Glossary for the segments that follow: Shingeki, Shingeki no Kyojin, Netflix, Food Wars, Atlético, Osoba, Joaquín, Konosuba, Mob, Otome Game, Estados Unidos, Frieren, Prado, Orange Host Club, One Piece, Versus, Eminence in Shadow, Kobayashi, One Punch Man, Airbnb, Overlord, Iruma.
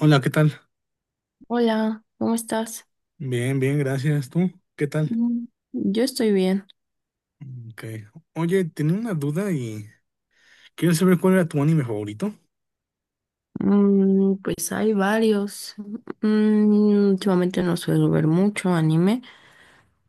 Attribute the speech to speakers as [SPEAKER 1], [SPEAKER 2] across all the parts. [SPEAKER 1] Hola, ¿qué tal?
[SPEAKER 2] Hola, ¿cómo estás?
[SPEAKER 1] Bien, bien, gracias. ¿Tú? ¿Qué tal?
[SPEAKER 2] Mm. Yo estoy bien.
[SPEAKER 1] Ok. Oye, tenía una duda y quiero saber cuál era tu anime favorito.
[SPEAKER 2] Pues hay varios. Últimamente no suelo ver mucho anime,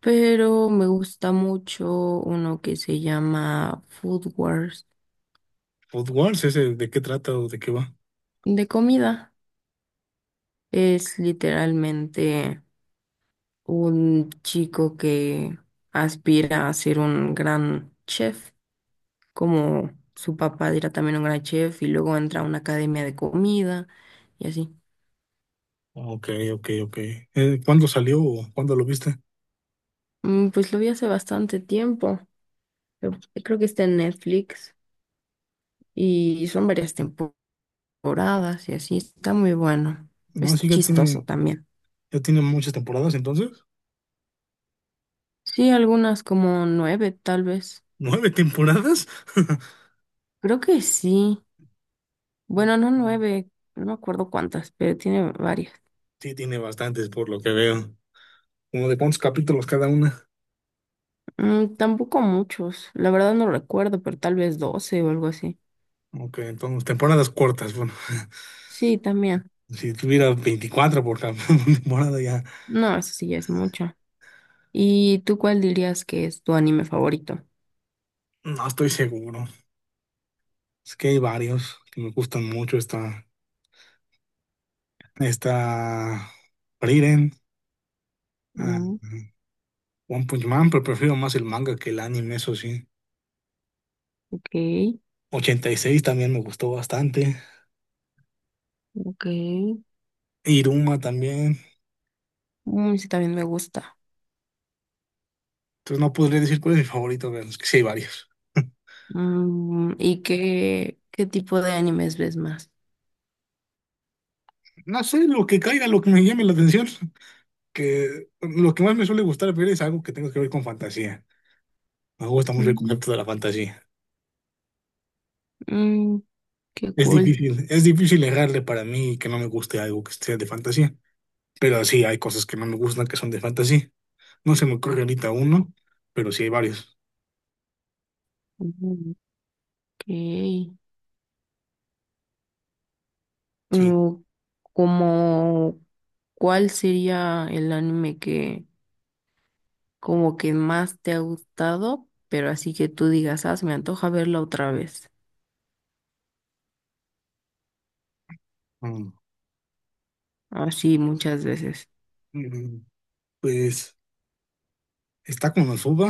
[SPEAKER 2] pero me gusta mucho uno que se llama Food Wars
[SPEAKER 1] Food Wars, ese, ¿de qué trata o de qué va?
[SPEAKER 2] de comida. Es literalmente un chico que aspira a ser un gran chef, como su papá era también un gran chef, y luego entra a una academia de comida y así.
[SPEAKER 1] Ok, ok, ok. ¿Cuándo salió o cuándo lo viste?
[SPEAKER 2] Pues lo vi hace bastante tiempo. Pero creo que está en Netflix y son varias temporadas y así. Está muy bueno.
[SPEAKER 1] No,
[SPEAKER 2] Es
[SPEAKER 1] sí, ya
[SPEAKER 2] chistoso
[SPEAKER 1] tiene,
[SPEAKER 2] también.
[SPEAKER 1] ya tiene muchas temporadas entonces.
[SPEAKER 2] Sí, algunas como nueve, tal vez.
[SPEAKER 1] ¿9 temporadas?
[SPEAKER 2] Creo que sí.
[SPEAKER 1] Ok.
[SPEAKER 2] Bueno, no nueve, no me acuerdo cuántas, pero tiene varias.
[SPEAKER 1] Sí, tiene bastantes por lo que veo. Como de cuántos capítulos cada una.
[SPEAKER 2] Tampoco muchos. La verdad no recuerdo, pero tal vez doce o algo así.
[SPEAKER 1] Ok, entonces temporadas cortas. Bueno,
[SPEAKER 2] Sí, también.
[SPEAKER 1] si tuviera 24 por temporada ya
[SPEAKER 2] No, eso sí ya es mucho. ¿Y tú cuál dirías que es tu anime favorito?
[SPEAKER 1] no estoy seguro. Es que hay varios que me gustan mucho. Está Frieren, ah,
[SPEAKER 2] Mm,
[SPEAKER 1] One Punch Man, pero prefiero más el manga que el anime, eso sí.
[SPEAKER 2] ok,
[SPEAKER 1] 86 también me gustó bastante.
[SPEAKER 2] ok.
[SPEAKER 1] Iruma también.
[SPEAKER 2] Sí, también me gusta.
[SPEAKER 1] Entonces no podría decir cuál es mi favorito, pero es que sí hay varios.
[SPEAKER 2] ¿Y qué tipo de animes ves más?
[SPEAKER 1] No sé, lo que caiga, lo que me llame la atención, que lo que más me suele gustar ver es algo que tenga que ver con fantasía. Me gusta mucho el
[SPEAKER 2] Mm,
[SPEAKER 1] concepto de la fantasía.
[SPEAKER 2] mm, Qué cool.
[SPEAKER 1] Es difícil errarle para mí que no me guste algo que sea de fantasía. Pero sí, hay cosas que no me gustan que son de fantasy. No se me ocurre ahorita uno, pero sí hay varios.
[SPEAKER 2] Mm. Ok.
[SPEAKER 1] Sí.
[SPEAKER 2] Mm, Como, ¿cuál sería el anime que como que más te ha gustado, pero así que tú digas, ah, se me antoja verlo otra vez?
[SPEAKER 1] Mm,
[SPEAKER 2] Así muchas veces.
[SPEAKER 1] mm, Pues está Konosuba,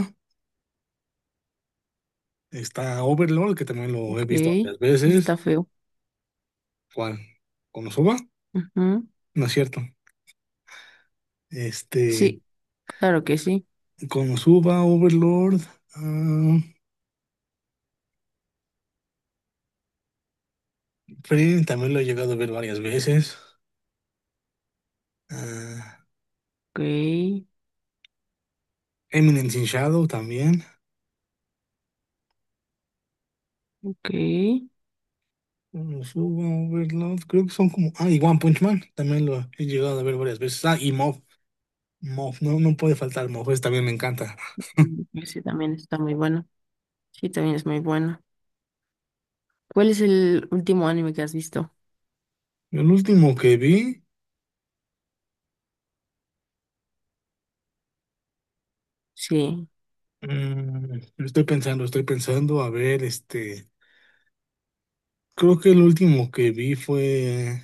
[SPEAKER 1] está Overlord, que también lo he
[SPEAKER 2] Ok,
[SPEAKER 1] visto varias
[SPEAKER 2] está
[SPEAKER 1] veces.
[SPEAKER 2] feo.
[SPEAKER 1] ¿Cuál? ¿Konosuba?
[SPEAKER 2] Ujú.
[SPEAKER 1] No es cierto. Este,
[SPEAKER 2] Sí, claro que sí.
[SPEAKER 1] Konosuba, Overlord, ah, Frieren también lo he llegado a ver varias veces. ah,
[SPEAKER 2] Ok,
[SPEAKER 1] Eminence in Shadow también.
[SPEAKER 2] ok.
[SPEAKER 1] Konosuba, Overlord, creo que son como. Ah, y One Punch Man también lo he llegado a ver varias veces. Ah, y Mob. Moff, no, no puede faltar Moff, ese también me encanta.
[SPEAKER 2] Ese también está muy bueno. Sí, también es muy bueno. ¿Cuál es el último anime que has visto?
[SPEAKER 1] El último que vi,
[SPEAKER 2] Sí,
[SPEAKER 1] estoy pensando, a ver, creo que el último que vi fue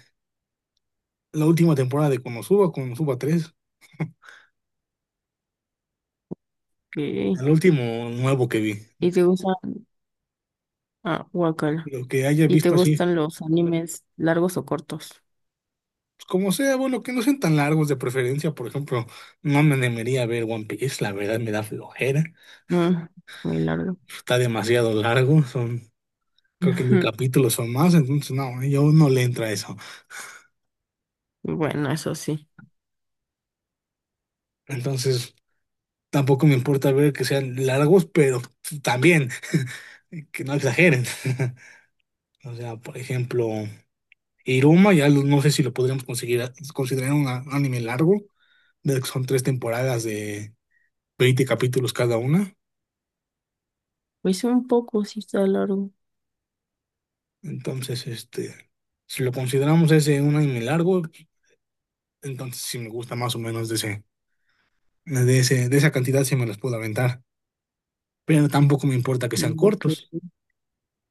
[SPEAKER 1] la última temporada de Konosuba 3,
[SPEAKER 2] ok.
[SPEAKER 1] el último nuevo que vi.
[SPEAKER 2] ¿Y te gustan? Ah, guacala.
[SPEAKER 1] Lo que haya
[SPEAKER 2] ¿Y te
[SPEAKER 1] visto así, pues,
[SPEAKER 2] gustan los animes largos o cortos?
[SPEAKER 1] como sea, bueno, que no sean tan largos de preferencia, por ejemplo, no me animaría a ver One Piece, la verdad me da flojera,
[SPEAKER 2] Mm, Muy largo.
[SPEAKER 1] está demasiado largo, son, creo que 1,000 capítulos son más, entonces no, yo no le entra eso.
[SPEAKER 2] Ujú. Bueno, eso sí.
[SPEAKER 1] Entonces. Tampoco me importa ver que sean largos, pero también que no exageren. O sea, por ejemplo, Iruma, no sé si lo podríamos conseguir considerar un anime largo, de que son 3 temporadas de 20 capítulos cada una.
[SPEAKER 2] Pues un poco, sí está largo.
[SPEAKER 1] Entonces, si lo consideramos ese un anime largo, entonces sí me gusta más o menos de esa cantidad sí me los puedo aventar. Pero tampoco me importa que sean
[SPEAKER 2] Mm, ok.
[SPEAKER 1] cortos.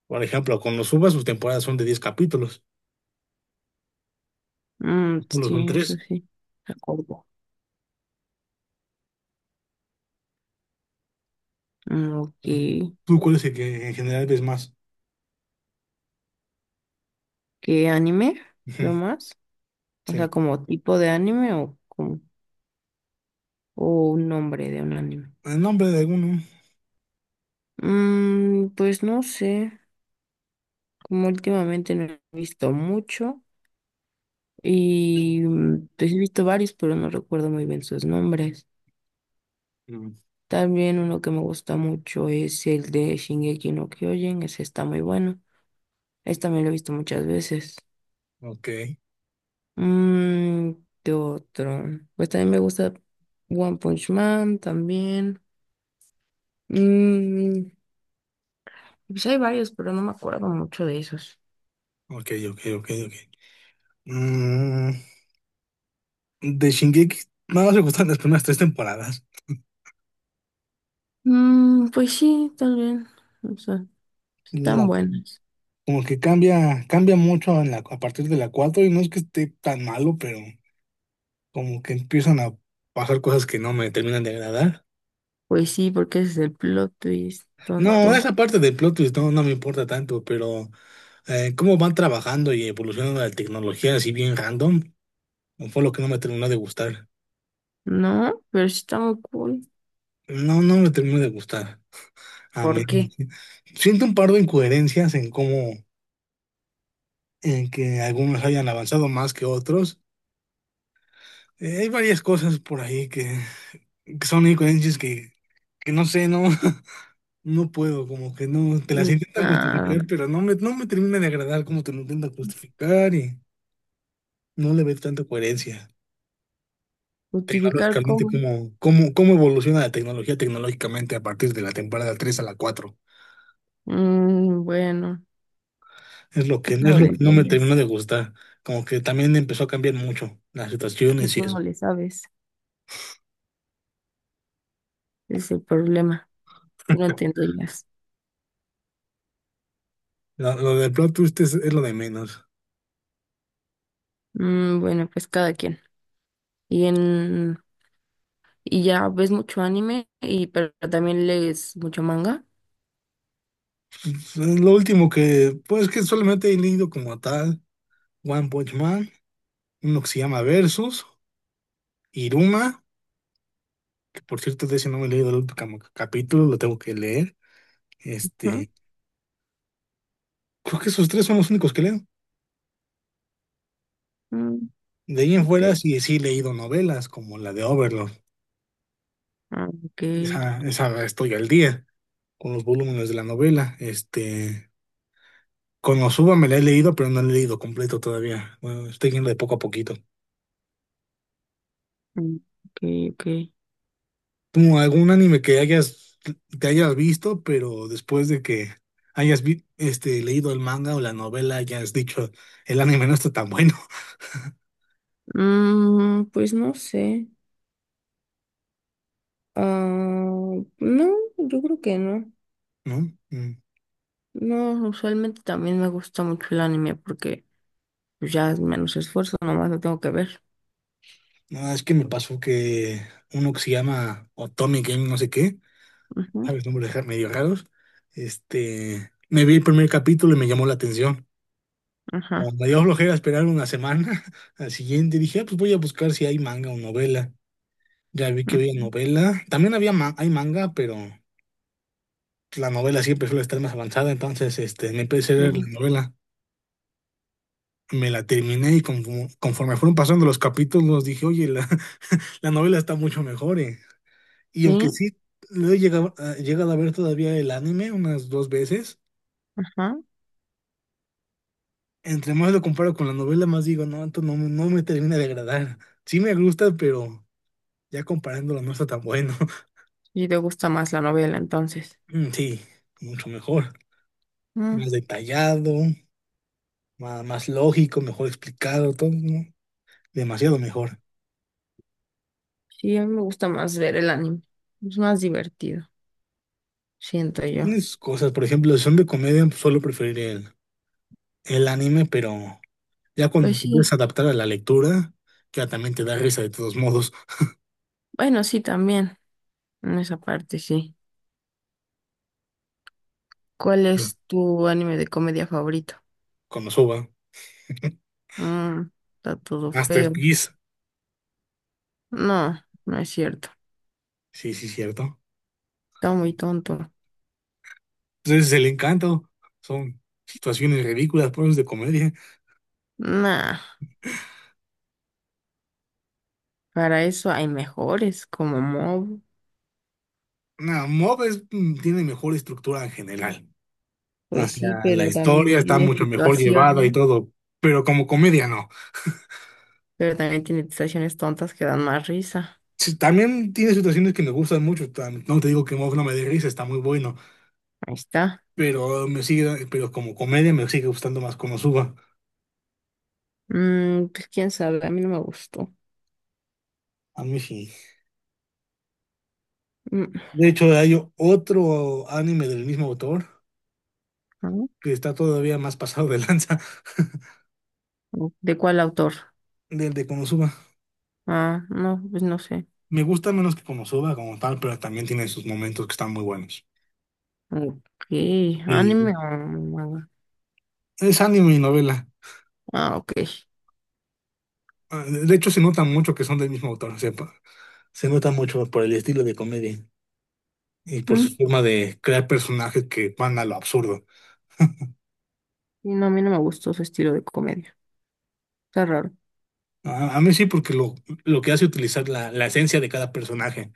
[SPEAKER 1] Por ejemplo, con los Subas sus temporadas son de 10 capítulos,
[SPEAKER 2] Mm,
[SPEAKER 1] solo son
[SPEAKER 2] sí, eso
[SPEAKER 1] tres.
[SPEAKER 2] sí. De acuerdo. Mm,
[SPEAKER 1] Ujú.
[SPEAKER 2] ok.
[SPEAKER 1] ¿Tú cuál es el que en general ves más?
[SPEAKER 2] ¿Qué anime?
[SPEAKER 1] Ujú,
[SPEAKER 2] ¿Lo más? O
[SPEAKER 1] sí.
[SPEAKER 2] sea, como tipo de anime o, o un nombre de un anime.
[SPEAKER 1] El nombre de alguno.
[SPEAKER 2] Mm, pues no sé. Como últimamente no he visto mucho y pues he visto varios, pero no recuerdo muy bien sus nombres.
[SPEAKER 1] Mm,
[SPEAKER 2] También uno que me gusta mucho es el de Shingeki no Kyojin, ese está muy bueno. Ese también lo he visto muchas veces.
[SPEAKER 1] ok,
[SPEAKER 2] Mm, ¿qué otro? Pues también me gusta One Punch Man también. Mm, pues hay varios, pero no me acuerdo mucho de esos.
[SPEAKER 1] ok, ok, ok, ok. Mm, de Shingeki, nada más me gustan las primeras 3 temporadas.
[SPEAKER 2] Mm, pues sí, también. O sea, están
[SPEAKER 1] La-
[SPEAKER 2] buenos.
[SPEAKER 1] Como que cambia mucho en a partir de la cuatro y no es que esté tan malo, pero como que empiezan a pasar cosas que no me terminan de agradar.
[SPEAKER 2] Pues sí, porque ese es el plot twist,
[SPEAKER 1] No,
[SPEAKER 2] tonto.
[SPEAKER 1] esa parte del plot twist no, no me importa tanto, pero cómo van trabajando y evolucionando la tecnología así bien random, fue lo que no me terminó de gustar.
[SPEAKER 2] No, pero sí está muy cool.
[SPEAKER 1] No, no me termino de gustar. A mí
[SPEAKER 2] ¿Por qué?
[SPEAKER 1] siento un par de incoherencias en cómo, en que algunos hayan avanzado más que otros. Hay varias cosas por ahí que, son incoherencias que no sé, no, no puedo, como que no, te las intentan
[SPEAKER 2] Nada,
[SPEAKER 1] justificar, pero no me termina de agradar cómo te lo intentan justificar y no le ves tanta coherencia.
[SPEAKER 2] justificar
[SPEAKER 1] Tecnológicamente,
[SPEAKER 2] cómo.
[SPEAKER 1] cómo evoluciona la tecnología tecnológicamente a partir de la temporada 3 a la 4.
[SPEAKER 2] Mm, bueno,
[SPEAKER 1] Es lo
[SPEAKER 2] que
[SPEAKER 1] que, es
[SPEAKER 2] tú no lo
[SPEAKER 1] lo que no me
[SPEAKER 2] entiendes.
[SPEAKER 1] terminó de gustar. Como que también empezó a cambiar mucho las
[SPEAKER 2] Es que
[SPEAKER 1] situaciones y
[SPEAKER 2] tú no
[SPEAKER 1] eso.
[SPEAKER 2] le sabes. Ese es el problema. Tú no entenderías.
[SPEAKER 1] Lo del plot twist es lo de menos.
[SPEAKER 2] Mm, bueno, pues cada quien. Y en y ya ves mucho anime pero también lees mucho manga.
[SPEAKER 1] Es lo último que, pues que solamente he leído como tal, One Punch Man, uno que se llama Versus, Iruma, que por cierto de ese no me he leído el último capítulo, lo tengo que leer.
[SPEAKER 2] ¿No?
[SPEAKER 1] Este, Creo que esos tres son los únicos que leo.
[SPEAKER 2] Mm,
[SPEAKER 1] De ahí en
[SPEAKER 2] ok.
[SPEAKER 1] fuera sí, sí he leído novelas como la de Overlord.
[SPEAKER 2] Ah, ok.
[SPEAKER 1] Esa estoy al día con los volúmenes de la novela. Con Konosuba me la he leído, pero no la he leído completo todavía. Bueno, estoy yendo de poco a poquito.
[SPEAKER 2] Mm, ok, ok.
[SPEAKER 1] ¿Tú algún anime que hayas visto, pero después de que hayas leído el manga o la novela, hayas dicho, el anime no está tan bueno,
[SPEAKER 2] Mm, pues no sé. Ah, no, yo creo que no.
[SPEAKER 1] ¿no? Mm.
[SPEAKER 2] No, usualmente también me gusta mucho el anime porque pues, ya es menos esfuerzo, nomás lo tengo que ver.
[SPEAKER 1] No, es que me pasó que uno que se llama Otome Game no sé qué,
[SPEAKER 2] Ujú,
[SPEAKER 1] ¿sabes? Nombres medio raros. Me vi el primer capítulo y me llamó la atención. Como
[SPEAKER 2] ajá.
[SPEAKER 1] me dio flojera esperar una semana, al siguiente dije: "Ah, pues voy a buscar si hay manga o novela. Ya vi que
[SPEAKER 2] Mm,
[SPEAKER 1] había novela. También había hay manga, pero la novela siempre suele estar más avanzada. Entonces, me empecé a leer la
[SPEAKER 2] sí,
[SPEAKER 1] novela. Me la terminé y conforme fueron pasando los capítulos, dije, oye, la, la novela está mucho mejor, eh". Y aunque
[SPEAKER 2] sí,
[SPEAKER 1] sí lo he llegado, a llegado a ver todavía el anime unas 2 veces,
[SPEAKER 2] ajá.
[SPEAKER 1] entre más lo comparo con la novela, más digo, no, esto no, no me termina de agradar. Sí me gusta, pero ya comparándolo no está tan bueno.
[SPEAKER 2] Y te gusta más la novela, entonces.
[SPEAKER 1] Mm, sí, mucho mejor, más
[SPEAKER 2] Mm,
[SPEAKER 1] detallado. Más, lógico, mejor explicado, todo, ¿no? Demasiado mejor.
[SPEAKER 2] sí, a mí me gusta más ver el anime. Es más divertido, siento yo.
[SPEAKER 1] Tienes cosas, por ejemplo, si son de comedia, pues, suelo preferir el anime, pero ya cuando
[SPEAKER 2] Pues
[SPEAKER 1] te empiezas a
[SPEAKER 2] sí,
[SPEAKER 1] adaptar a la lectura, ya también te da risa de todos modos,
[SPEAKER 2] bueno, sí, también. En esa parte, sí. ¿Cuál
[SPEAKER 1] ¿no?
[SPEAKER 2] es tu anime de comedia favorito?
[SPEAKER 1] Con Osoba.
[SPEAKER 2] Mm, está todo feo.
[SPEAKER 1] Masterpiece,
[SPEAKER 2] No, no es cierto.
[SPEAKER 1] sí, sí, cierto.
[SPEAKER 2] Está muy tonto.
[SPEAKER 1] Entonces, es el encanto, son situaciones ridículas, pues de comedia.
[SPEAKER 2] Nah, para eso hay mejores como Mob.
[SPEAKER 1] No, Mob tiene mejor estructura en general. O
[SPEAKER 2] Pues sí,
[SPEAKER 1] sea, la
[SPEAKER 2] pero también
[SPEAKER 1] historia está
[SPEAKER 2] tiene
[SPEAKER 1] mucho mejor llevada y
[SPEAKER 2] situaciones,
[SPEAKER 1] todo, pero como comedia no.
[SPEAKER 2] pero también tiene situaciones tontas que dan más risa.
[SPEAKER 1] Sí, también tiene situaciones que me gustan mucho. No te digo que Mob no me dé risa, está muy bueno.
[SPEAKER 2] Ahí está.
[SPEAKER 1] Pero como comedia me sigue gustando más Konosuba.
[SPEAKER 2] Mm, pues quién sabe, a mí no me gustó.
[SPEAKER 1] A mí sí.
[SPEAKER 2] Mm,
[SPEAKER 1] De hecho, hay otro anime del mismo autor
[SPEAKER 2] ah,
[SPEAKER 1] que está todavía más pasado de lanza
[SPEAKER 2] ¿de cuál autor?
[SPEAKER 1] del de Konosuba.
[SPEAKER 2] Ah, no, pues no sé.
[SPEAKER 1] Me gusta menos que Konosuba como tal, pero también tiene sus momentos que están muy buenos.
[SPEAKER 2] Ok, anime
[SPEAKER 1] Y
[SPEAKER 2] o manga.
[SPEAKER 1] es anime y novela.
[SPEAKER 2] Ah, ok.
[SPEAKER 1] Ah, De hecho, se nota mucho que son del mismo autor. O sea, se nota mucho por el estilo de comedia. Y por su
[SPEAKER 2] Mm,
[SPEAKER 1] forma de crear personajes que van a lo absurdo.
[SPEAKER 2] y no, a mí no me gustó su estilo de comedia. Está raro.
[SPEAKER 1] A mí sí, porque lo que hace utilizar la esencia de cada personaje,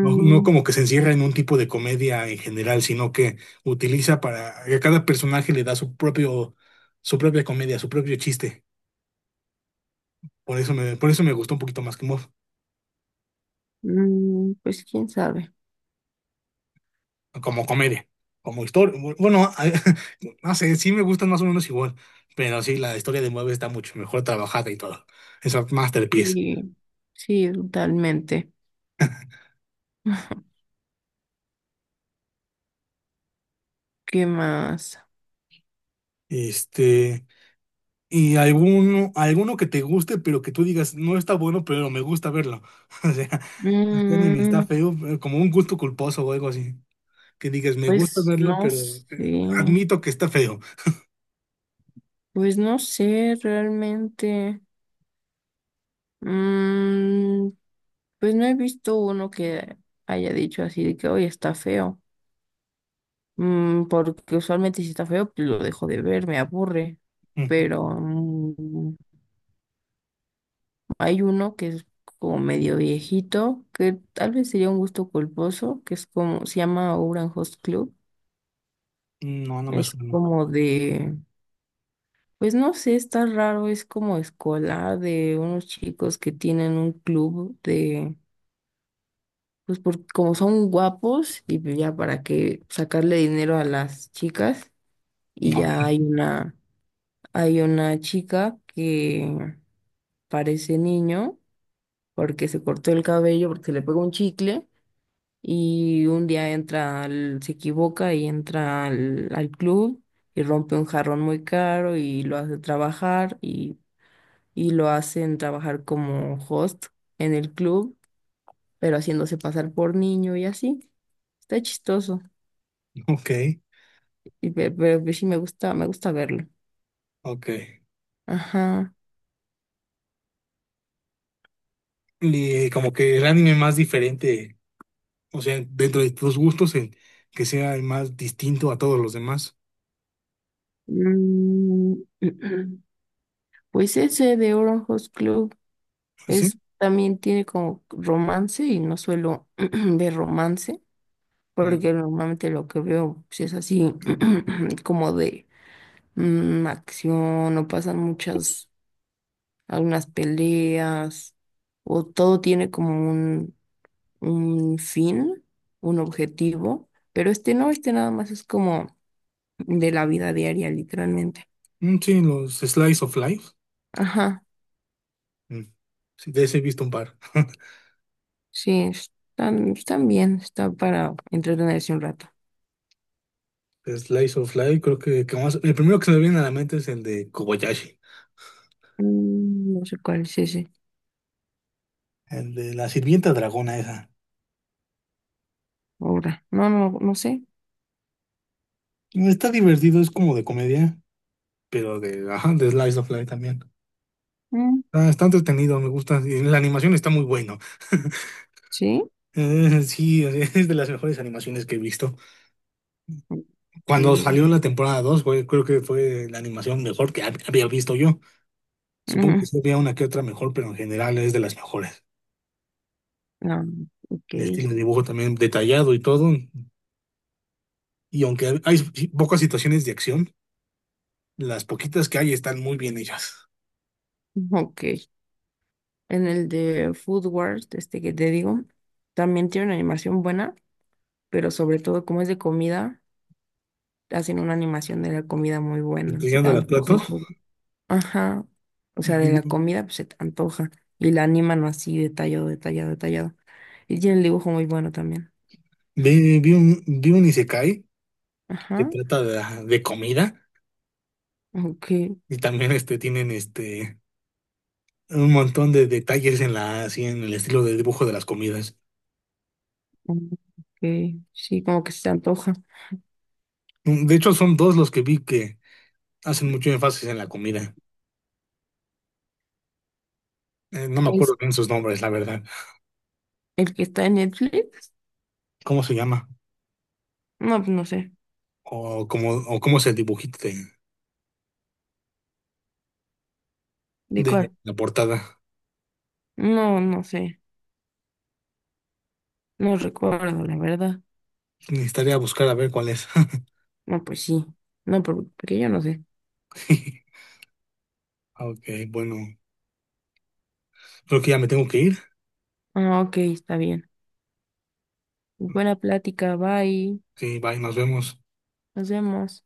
[SPEAKER 1] no, no como que se encierra en un tipo de comedia en general, sino que utiliza para que cada personaje le da su propio, su propia comedia, su propio chiste. Por eso me gustó un poquito más que Mob,
[SPEAKER 2] pues quién sabe.
[SPEAKER 1] como comedia, como historia. Bueno, no sé, sí me gustan más o menos igual, pero sí, la historia de Mob está mucho mejor trabajada y todo. Es un masterpiece.
[SPEAKER 2] Sí, sí, totalmente. ¿Qué más?
[SPEAKER 1] Este, Y alguno que te guste, pero que tú digas, no está bueno, pero me gusta verlo. O sea, este anime está
[SPEAKER 2] Mm,
[SPEAKER 1] feo, pero como un gusto culposo o algo así. Que digas, me gusta
[SPEAKER 2] pues
[SPEAKER 1] verlo,
[SPEAKER 2] no
[SPEAKER 1] pero
[SPEAKER 2] sé.
[SPEAKER 1] admito que está feo.
[SPEAKER 2] Pues no sé realmente. Mm, pues no he visto uno que haya dicho así de que hoy está feo. Mm, porque usualmente si está feo, pues lo dejo de ver, me aburre.
[SPEAKER 1] Ujú.
[SPEAKER 2] Pero hay uno que es como medio viejito, que tal vez sería un gusto culposo, que es como, se llama Orange Host Club.
[SPEAKER 1] No, no me
[SPEAKER 2] Es
[SPEAKER 1] suena.
[SPEAKER 2] como de Pues no sé, está raro, es como escolar de unos chicos que tienen un club de, pues por, como son guapos y pues ya para que sacarle dinero a las chicas y
[SPEAKER 1] No,
[SPEAKER 2] ya hay
[SPEAKER 1] no,
[SPEAKER 2] una, chica que parece niño porque se cortó el cabello, porque se le pegó un chicle y un día entra, se equivoca y entra al club y rompe un jarrón muy caro y lo hace trabajar y lo hacen trabajar como host en el club, pero haciéndose pasar por niño y así. Está chistoso.
[SPEAKER 1] ok,
[SPEAKER 2] Y pero, pues sí me gusta verlo.
[SPEAKER 1] ok.
[SPEAKER 2] Ajá.
[SPEAKER 1] Y como que el anime más diferente, o sea, dentro de tus gustos, el que sea el más distinto a todos los demás.
[SPEAKER 2] Mm, pues ese de Orange Host Club
[SPEAKER 1] ¿Sí?
[SPEAKER 2] es también tiene como romance y no suelo ver romance,
[SPEAKER 1] Mm.
[SPEAKER 2] porque normalmente lo que veo pues, es así como de acción, no pasan muchas algunas peleas, o todo tiene como un fin, un objetivo, pero este no, este nada más es como de la vida diaria, literalmente.
[SPEAKER 1] Mm, sí, los Slice of Life.
[SPEAKER 2] Ajá,
[SPEAKER 1] Mm. Sí, de ese he visto un par.
[SPEAKER 2] sí, están bien, está para entretenerse un rato.
[SPEAKER 1] Slice of Life, creo que, el primero que se me viene a la mente es el de Kobayashi,
[SPEAKER 2] No sé cuál es ese
[SPEAKER 1] el de la sirvienta dragona esa.
[SPEAKER 2] ahora. No, no, no sé.
[SPEAKER 1] Está divertido, es como de comedia, pero de, ajá, de Slice of Life también.
[SPEAKER 2] Mm,
[SPEAKER 1] Ah, está entretenido, me gusta. Y la animación está muy bueno.
[SPEAKER 2] ¿sí?
[SPEAKER 1] Sí, o sea, es de las mejores animaciones que he visto.
[SPEAKER 2] Ok.
[SPEAKER 1] Cuando salió la temporada 2, creo que fue la animación mejor que había visto yo. Supongo que
[SPEAKER 2] Mm,
[SPEAKER 1] sí había una que otra mejor, pero en general es de las mejores.
[SPEAKER 2] ah, ok,
[SPEAKER 1] El estilo de dibujo también detallado y todo. Y aunque hay pocas situaciones de acción, las poquitas que hay están muy bien hechas.
[SPEAKER 2] ok. En el de Food Wars, este que te digo, también tiene una animación buena pero sobre todo como es de comida, hacen una animación de la comida muy buena, se te
[SPEAKER 1] Llegando al
[SPEAKER 2] antoja y
[SPEAKER 1] plato,
[SPEAKER 2] todo. Ajá, o sea, de la
[SPEAKER 1] vi,
[SPEAKER 2] comida pues se te antoja y la animan así detallado, detallado, detallado. Y tiene el dibujo muy bueno también.
[SPEAKER 1] vi un isekai que
[SPEAKER 2] Ajá,
[SPEAKER 1] trata de comida
[SPEAKER 2] ok,
[SPEAKER 1] y también tienen un montón de detalles en, la, así, en el estilo de dibujo de las comidas.
[SPEAKER 2] ok, sí, como que se te antoja.
[SPEAKER 1] De hecho, son dos los que vi que hacen mucho énfasis en la comida. No me
[SPEAKER 2] ¿Es
[SPEAKER 1] acuerdo bien sus nombres, la verdad.
[SPEAKER 2] el que está en Netflix?
[SPEAKER 1] ¿Cómo se llama?
[SPEAKER 2] No, pues no sé,
[SPEAKER 1] O cómo se dibujita de,
[SPEAKER 2] ¿de cuál?
[SPEAKER 1] de la portada.
[SPEAKER 2] No, no sé, no recuerdo, la verdad.
[SPEAKER 1] Necesitaría buscar a ver cuál es.
[SPEAKER 2] No, pues sí, no, porque yo no sé.
[SPEAKER 1] Ok, bueno, creo que ya me tengo que ir.
[SPEAKER 2] Ah, ok, está bien. Buena plática, bye.
[SPEAKER 1] Sí, bye, nos vemos.
[SPEAKER 2] Nos vemos.